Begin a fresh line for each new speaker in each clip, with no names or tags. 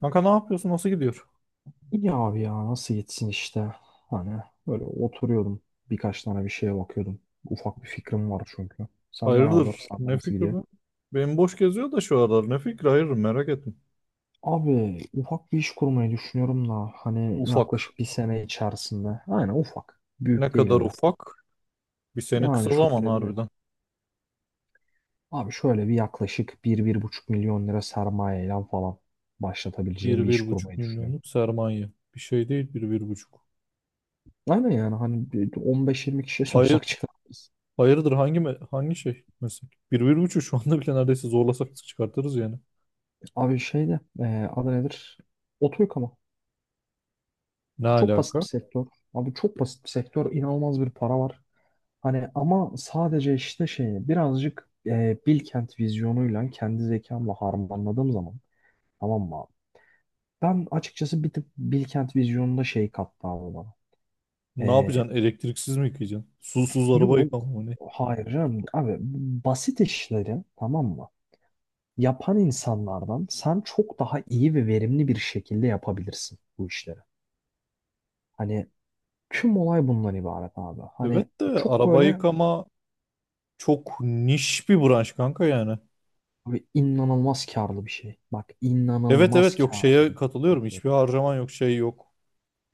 Kanka ne yapıyorsun? Nasıl gidiyor?
İyi abi ya nasıl yetsin işte. Hani böyle oturuyordum. Birkaç tane bir şeye bakıyordum. Ufak bir fikrim var çünkü. Senden ne haber?
Hayırdır?
Senden
Ne
nasıl
fikri
gidiyor?
bu? Benim boş geziyor da şu aralar. Ne fikri? Hayırdır merak ettim.
Abi ufak bir iş kurmayı düşünüyorum da hani
Ufak.
yaklaşık bir sene içerisinde. Aynen ufak.
Ne
Büyük değil
kadar
öyle.
ufak? Bir sene
Yani
kısa
şöyle
zaman
bir
harbiden.
abi şöyle bir yaklaşık 1-1,5 milyon lira sermayeyle falan başlatabileceğim
Bir,
bir iş
bir buçuk
kurmayı düşünüyorum.
milyonluk sermaye. Bir şey değil bir, bir buçuk.
Aynen yani hani bir 15-20 kişiye
Hayır,
sorsak çıkarız.
hayırdır hangi şey meslek? Bir, bir buçuk şu anda bile neredeyse zorlasak çıkartırız yani.
Abi şeyde adı nedir? Oto yıkama.
Ne
Çok basit bir
alaka?
sektör. Abi çok basit bir sektör. İnanılmaz bir para var. Hani ama sadece işte şeyi birazcık Bilkent vizyonuyla kendi zekamla harmanladığım zaman tamam mı abi? Ben açıkçası bir tık Bilkent vizyonunda şey kattı abi bana.
Ne
E,
yapacaksın? Elektriksiz mi yıkayacaksın? Susuz araba
yol
yıkama mı ne?
hayır canım abi basit işleri tamam mı? Yapan insanlardan sen çok daha iyi ve verimli bir şekilde yapabilirsin bu işleri. Hani tüm olay bundan ibaret abi.
Evet
Hani
de
çok
araba
böyle.
yıkama çok niş bir branş kanka yani.
Abi inanılmaz karlı bir şey. Bak
Evet,
inanılmaz
evet, yok,
karlı
şeye
bir
katılıyorum.
şey.
Hiçbir harcaman yok, şey yok.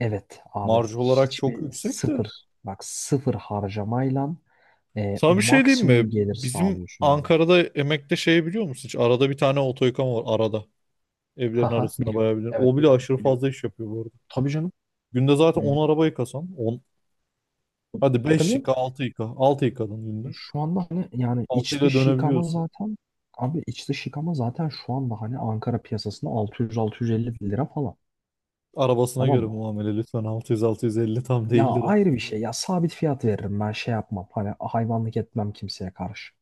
Evet abi
Marj olarak çok
hiçbir
yüksek de.
sıfır bak sıfır harcamayla
Sana bir şey diyeyim mi?
maksimum gelir
Bizim
sağlıyorsun abi.
Ankara'da emekte şey biliyor musun? Hiç arada bir tane oto yıkama var arada. Evlerin
Haha,
arasında
biliyorum.
bayağı bir. O
Evet
bile
biliyorum,
aşırı
biliyorum.
fazla iş yapıyor bu arada.
Tabii canım.
Günde zaten
Hmm.
10 araba yıkasan on. Hadi
Tabii
beş
canım.
yıka, altı yıka. Altı yıkadın günde.
Şu anda hani yani
Altı
iç
ile
dış yıkama
dönebiliyorsun.
zaten Abi iç dış yıkama zaten şu anda hani Ankara piyasasında 600-650 lira falan.
Arabasına
Tamam
göre
mı?
muamele lütfen, altı 600, 650 tam
Ya
değildir.
ayrı bir şey. Ya sabit fiyat veririm ben şey yapmam. Hani hayvanlık etmem kimseye karşı.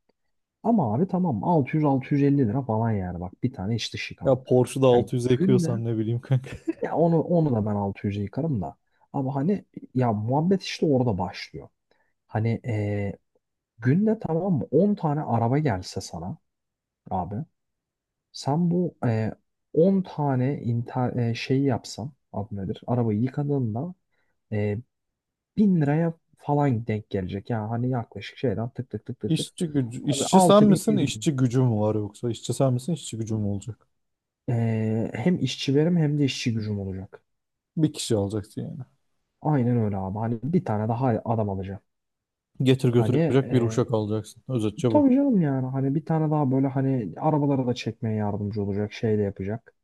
Ama abi tamam 600-650 lira falan yani bak bir tane iç dış
Ya
yıkama.
Porsche'da
Yani
600'e
günde
yıkıyorsan ne bileyim kanka.
ya onu da ben 600'e yıkarım da. Ama hani ya muhabbet işte orada başlıyor. Hani günde tamam mı 10 tane araba gelse sana abi sen bu 10 tane şeyi yapsan adı nedir? Arabayı yıkadığında eee 1000 liraya falan denk gelecek. Yani hani yaklaşık şeyden tık tık tık tık tık.
İşçi gücü,
Abi
işçi sen
6000
misin,
bin.
işçi gücü mü var yoksa? İşçi sen misin, işçi gücü mü olacak?
Hem işçi verim hem de işçi gücüm olacak.
Bir kişi alacaksın yani.
Aynen öyle abi. Hani bir tane daha adam alacağım.
Getir götür
Hani
yapacak bir
e,
uşak alacaksın. Özetçe bu.
tabii canım yani hani bir tane daha böyle hani arabalara da çekmeye yardımcı olacak şey de yapacak.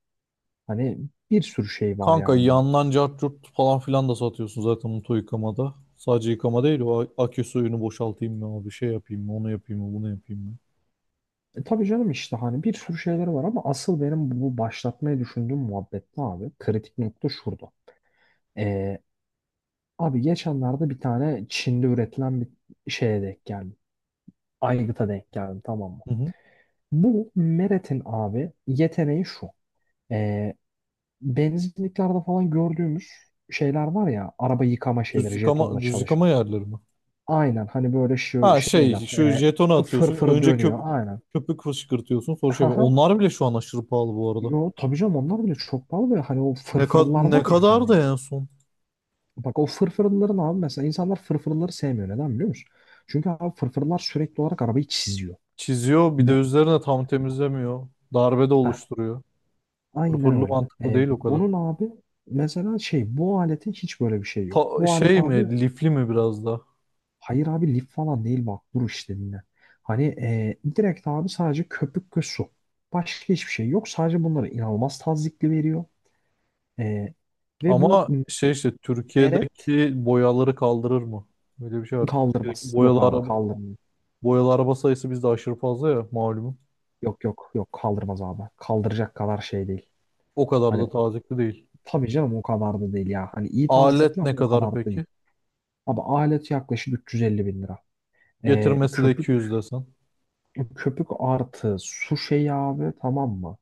Hani bir sürü şey var
Kanka
yani bunun.
yandan cart curt falan filan da satıyorsun zaten mutlu yıkamada. Sadece yıkama değil akü suyunu boşaltayım mı abi, şey yapayım mı, onu yapayım mı, bunu yapayım mı?
Tabii canım işte hani bir sürü şeyleri var ama asıl benim bu başlatmayı düşündüğüm muhabbette abi? Kritik nokta şurada. Ee, Abi geçenlerde bir tane Çin'de üretilen bir şeye denk geldim. Aygıta denk geldim tamam mı?
Hı hı.
Bu Meret'in abi yeteneği şu. Ee, Benzinliklerde falan gördüğümüz şeyler var ya araba yıkama
Düz
şeyleri jetonla
yıkama, düz
çalışan.
yıkama yerleri mi?
Aynen hani böyle şu
Ha
şeyler,
şey, şu jetonu atıyorsun
fırfırı
önce,
dönüyor aynen.
köpük fışkırtıyorsun, sonra şey
Haha.
yapıyorsun. Onlar bile şu an aşırı pahalı bu arada.
Yo tabii canım onlar bile çok pahalı ve hani o fırfırlar
Ne
var ya
kadar
hani.
da en son?
Bak o fırfırların abi mesela insanlar fırfırları sevmiyor, neden biliyor musun? Çünkü abi fırfırlar sürekli olarak arabayı çiziyor.
Çiziyor, bir
Bu,
de üzerine tam temizlemiyor. Darbe de
heh,
oluşturuyor.
aynen
Pırpırlı
öyle.
mantıklı
Ee,
değil o kadar.
Bunun abi mesela şey bu aletin hiç böyle bir şey yok. Bu alet
Şey
abi.
mi, lifli mi biraz da?
Hayır abi lif falan değil, bak dur işte dinle. Hani direkt abi sadece köpük ve su. Başka hiçbir şey yok. Sadece bunları inanılmaz tazyikli veriyor. E, Ve bu
Ama şey işte,
meret
Türkiye'deki boyaları kaldırır mı? Böyle bir şey var. Türkiye'deki
kaldırmaz.
boyalı
Yok abi
araba,
kaldırmıyor.
boyalı araba sayısı bizde aşırı fazla ya malum.
Yok, yok, yok, kaldırmaz abi. Kaldıracak kadar şey değil.
O kadar
Hani
da tazikli değil.
tabii canım o kadar da değil ya. Hani iyi tazyikli
Alet ne
ama o
kadar
kadar da değil.
peki?
Abi alet yaklaşık 350 bin lira. E,
Getirmesi de
köpük
200 desen.
Köpük artı su şeyi abi tamam mı?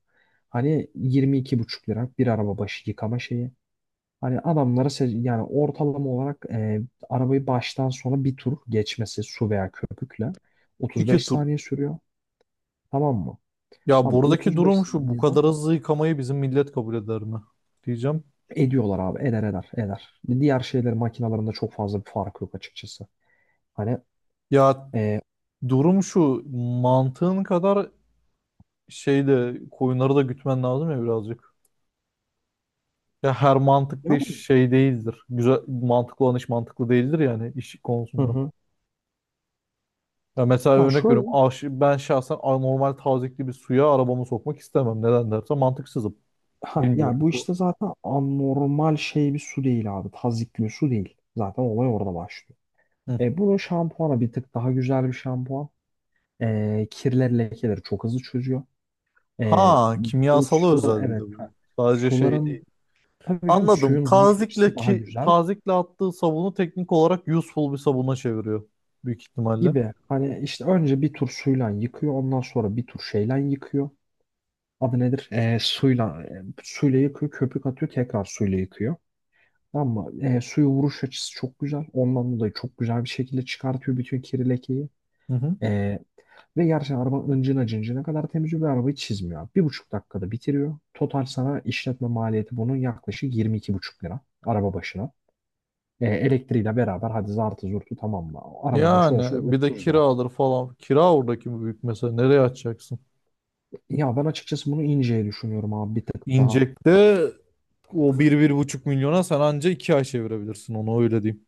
Hani yirmi iki buçuk lira bir araba başı yıkama şeyi. Hani adamlara yani ortalama olarak arabayı baştan sona bir tur geçmesi su veya köpükle
İki
35
tur.
saniye sürüyor. Tamam mı?
Ya
Abi
buradaki
35
durum şu, bu
saniyeden
kadar hızlı yıkamayı bizim millet kabul eder mi? Diyeceğim.
ediyorlar abi. Eder eder eder. Diğer şeyler makinalarında çok fazla bir fark yok açıkçası. Hani
Ya
e,
durum şu, mantığın kadar şey de, koyunları da gütmen lazım ya birazcık. Ya her mantıklı
ya,
iş şey değildir. Güzel mantıklı olan iş mantıklı değildir yani iş
hı
konusunda.
hı.
Ya mesela
Ya
örnek
şöyle
veriyorum. Ben şahsen normal tazyikli bir suya arabamı sokmak istemem. Neden derse, mantıksızım.
Ha,
Bilmiyorum.
ya bu
Bu-
işte zaten anormal şey bir su değil abi. Tazyikli bir su değil. Zaten olay orada başlıyor.
Hı.
Bunun şampuanı bir tık daha güzel bir şampuan. Kirler lekeleri çok hızlı çözüyor. E,
Ha,
Bu
kimyasalı
sular,
özel bir de
evet. Ha.
bu. Sadece şey
Suların
değil.
tabii canım
Anladım.
suyun duruş açısı
Tazikle
daha
ki,
güzel
tazikle attığı sabunu teknik olarak useful bir sabuna çeviriyor büyük ihtimalle.
gibi. Hani işte önce bir tur suyla yıkıyor. Ondan sonra bir tur şeyle yıkıyor. Adı nedir? Suyla yıkıyor. Köpük atıyor. Tekrar suyla yıkıyor. Ama suya vuruş açısı çok güzel. Ondan dolayı çok güzel bir şekilde çıkartıyor bütün kiri lekeyi.
Hı hı.
E, Ve gerçekten araba ıncına cıncına kadar temiz, bir arabayı çizmiyor abi. 1,5 dakikada bitiriyor. Total sana işletme maliyeti bunun yaklaşık 22,5 lira araba başına. Elektriğiyle beraber hadi zartı zurtu tamam mı? Araba başı olsun
Yani bir de
30 lira.
kira falan. Kira oradaki mi büyük mesela. Nereye açacaksın?
Ya ben açıkçası bunu inceye düşünüyorum abi bir tık daha.
İncek'te o bir 1,5 milyona sen anca 2 ay çevirebilirsin onu, öyle diyeyim.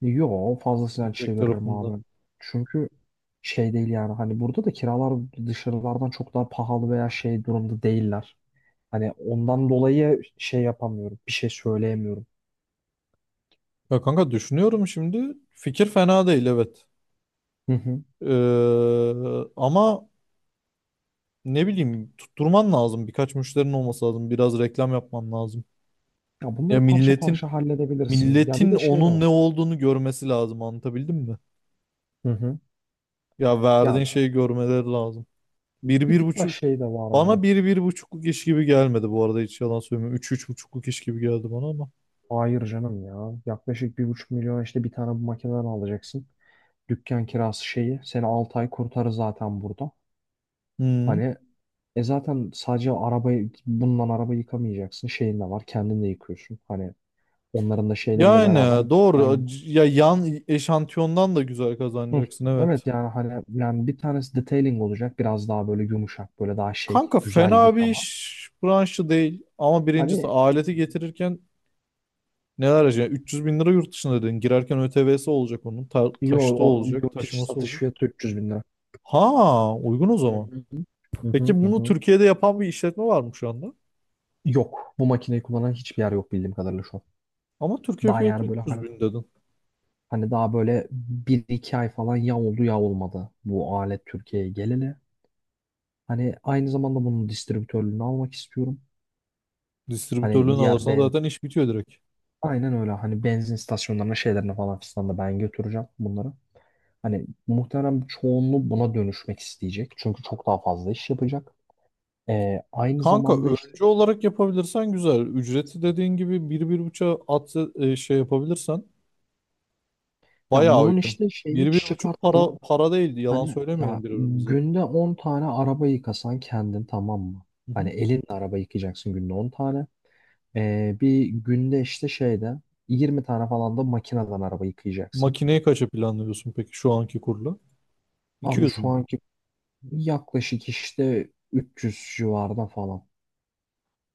Yo fazlasıyla
İncek
çeviririm
tarafında.
abi. Çünkü şey değil yani hani burada da kiralar dışarılardan çok daha pahalı veya şey durumda değiller. Hani ondan dolayı şey yapamıyorum. Bir şey söyleyemiyorum.
Ya kanka düşünüyorum şimdi. Fikir fena değil, evet.
Hı hı.
Ama ne bileyim, tutturman lazım. Birkaç müşterinin olması lazım. Biraz reklam yapman lazım.
Ya
Ya
bunları parça
milletin
parça halledebilirsin. Ya bir
milletin
de şey de
onun ne
var.
olduğunu görmesi lazım, anlatabildim mi?
Hı hı.
Ya
Ya
verdiğin şeyi görmeleri lazım. Bir
bir
bir
tık daha
buçuk.
şey de var bunun.
Bana bir, bir buçukluk iş gibi gelmedi bu arada, hiç yalan söylemiyorum. Üç, üç buçukluk iş gibi geldi bana ama.
Hayır canım ya. Yaklaşık 1,5 milyon işte bir tane bu makineden alacaksın. Dükkan kirası şeyi. Seni 6 ay kurtarır zaten burada.
Hı.
Hani zaten sadece arabayı bununla araba yıkamayacaksın. Şeyin de var. Kendin de yıkıyorsun. Hani onların da şeylerle beraber
Yani
yani
doğru. Ya yan eşantiyondan da güzel
hı,
kazanacaksın,
evet
evet.
yani hani yani bir tanesi detailing olacak. Biraz daha böyle yumuşak böyle daha şey
Kanka
güzel
fena bir
yıkama.
iş branşı değil. Ama birincisi
Hani
aleti getirirken neler harcayacaksın? 300 bin lira yurt dışına dedin. Girerken ÖTV'si olacak onun. Ta taşıtı olacak.
yurt içi
Taşıması
satış
olacak.
fiyatı 300 bin lira.
Ha, uygun o
Hı
zaman.
hı. Hı hı
Peki
hı.
bunu
Hı.
Türkiye'de yapan bir işletme var mı şu anda?
Yok. Bu makineyi kullanan hiçbir yer yok bildiğim kadarıyla şu an.
Ama Türkiye
Daha
fiyatı
yani böyle
300
hani
bin dedin.
hani daha böyle bir iki ay falan ya oldu ya olmadı bu alet Türkiye'ye geleli. Hani aynı zamanda bunun distribütörlüğünü almak istiyorum. Hani
Distribütörlüğünü
diğer
alırsan
ben
zaten iş bitiyor direkt.
Aynen öyle. Hani benzin istasyonlarına şeylerine falan filan da ben götüreceğim bunları. Hani muhtemelen çoğunluğu buna dönüşmek isteyecek. Çünkü çok daha fazla iş yapacak. Aynı
Kanka
zamanda işte
önce olarak yapabilirsen güzel. Ücreti dediğin gibi bir bir buçuğa at, şey yapabilirsen
ya
bayağı
bunun
uygun.
işte şeyini
Bir bir buçuk
çıkarttım.
para para değildi. Yalan
Hani ya
söylemeyelim birbirimize.
günde 10 tane araba yıkasan kendin tamam mı?
Hı hı.
Hani elinle araba yıkayacaksın günde 10 tane. Bir günde işte şeyde 20 tane falan da makineden araba yıkayacaksın.
Makineyi kaça planlıyorsun peki şu anki kurla? İki
Abi
yüz
şu
mü?
anki yaklaşık işte 300 civarında falan.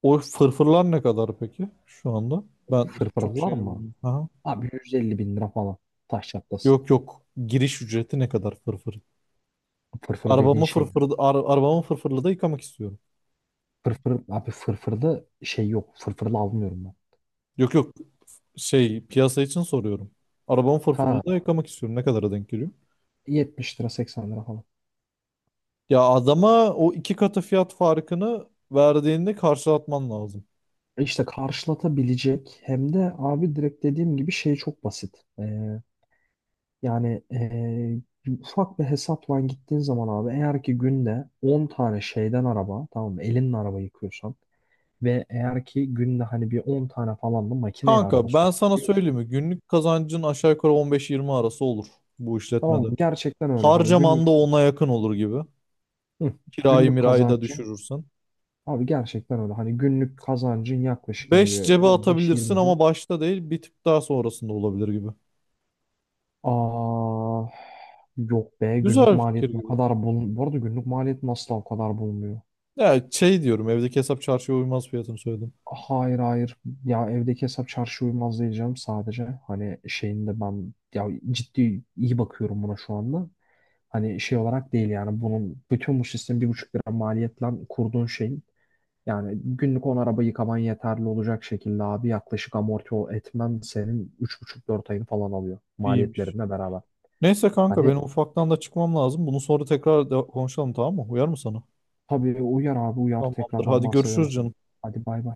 O fırfırlar ne kadar peki şu anda? Ben çok
Fırfırlar
şey
mı?
bilmiyorum. Aha.
Abi 150 bin lira falan. Taş çatlasın.
Yok yok. Giriş ücreti ne kadar fırfır?
Fırfır dediğin şey mi?
Arabamı fırfırlı da yıkamak istiyorum.
Fırfır, abi fırfırda şey yok. Fırfırlı almıyorum ben.
Yok yok. Şey, piyasa için soruyorum. Arabamı fırfırlı
Ha,
da yıkamak istiyorum. Ne kadara denk geliyor?
70 lira 80 lira falan.
Ya adama o iki katı fiyat farkını verdiğinde karşılatman lazım.
İşte karşılatabilecek hem de abi direkt dediğim gibi şey çok basit. Yani ufak bir hesapla gittiğin zaman abi eğer ki günde 10 tane şeyden araba tamam mı? Elinle araba yıkıyorsan ve eğer ki günde hani bir 10 tane falan da makineye araba
Kanka ben sana söyleyeyim
sokabiliyorsun.
mi? Günlük kazancın aşağı yukarı 15-20 arası olur bu
Tamam
işletmede.
mı? Gerçekten öyle hani
Harcaman da ona yakın olur gibi.
hı,
Kirayı
günlük
mirayı da
kazancın
düşürürsen.
abi gerçekten öyle hani günlük kazancın yaklaşık hani
5
bir
cebe atabilirsin
15-20 bin.
ama başta değil, bir tık daha sonrasında olabilir gibi.
Aa, Yok be, günlük
Güzel bir
maliyet
fikir
o
gibi.
kadar bul bu arada, günlük maliyet nasıl o kadar bulmuyor.
Ya şey diyorum, evdeki hesap çarşıya uymaz, fiyatını söyledim.
Hayır, hayır. Ya evdeki hesap çarşı uymaz diyeceğim sadece. Hani şeyinde ben ya ciddi iyi bakıyorum buna şu anda. Hani şey olarak değil yani bunun bütün bu sistemin 1,5 lira maliyetle kurduğun şeyin yani günlük 10 araba yıkaman yeterli olacak şekilde abi yaklaşık amorti etmen senin 3,5-4 ayını falan alıyor
İyiymiş.
maliyetlerine beraber.
Neyse kanka,
Hani
benim ufaktan da çıkmam lazım. Bunu sonra tekrar konuşalım, tamam mı? Uyar mı sana?
tabii uyar abi, uyar,
Tamamdır.
tekrardan
Hadi
bahsederim
görüşürüz
sana.
canım.
Hadi bay bay.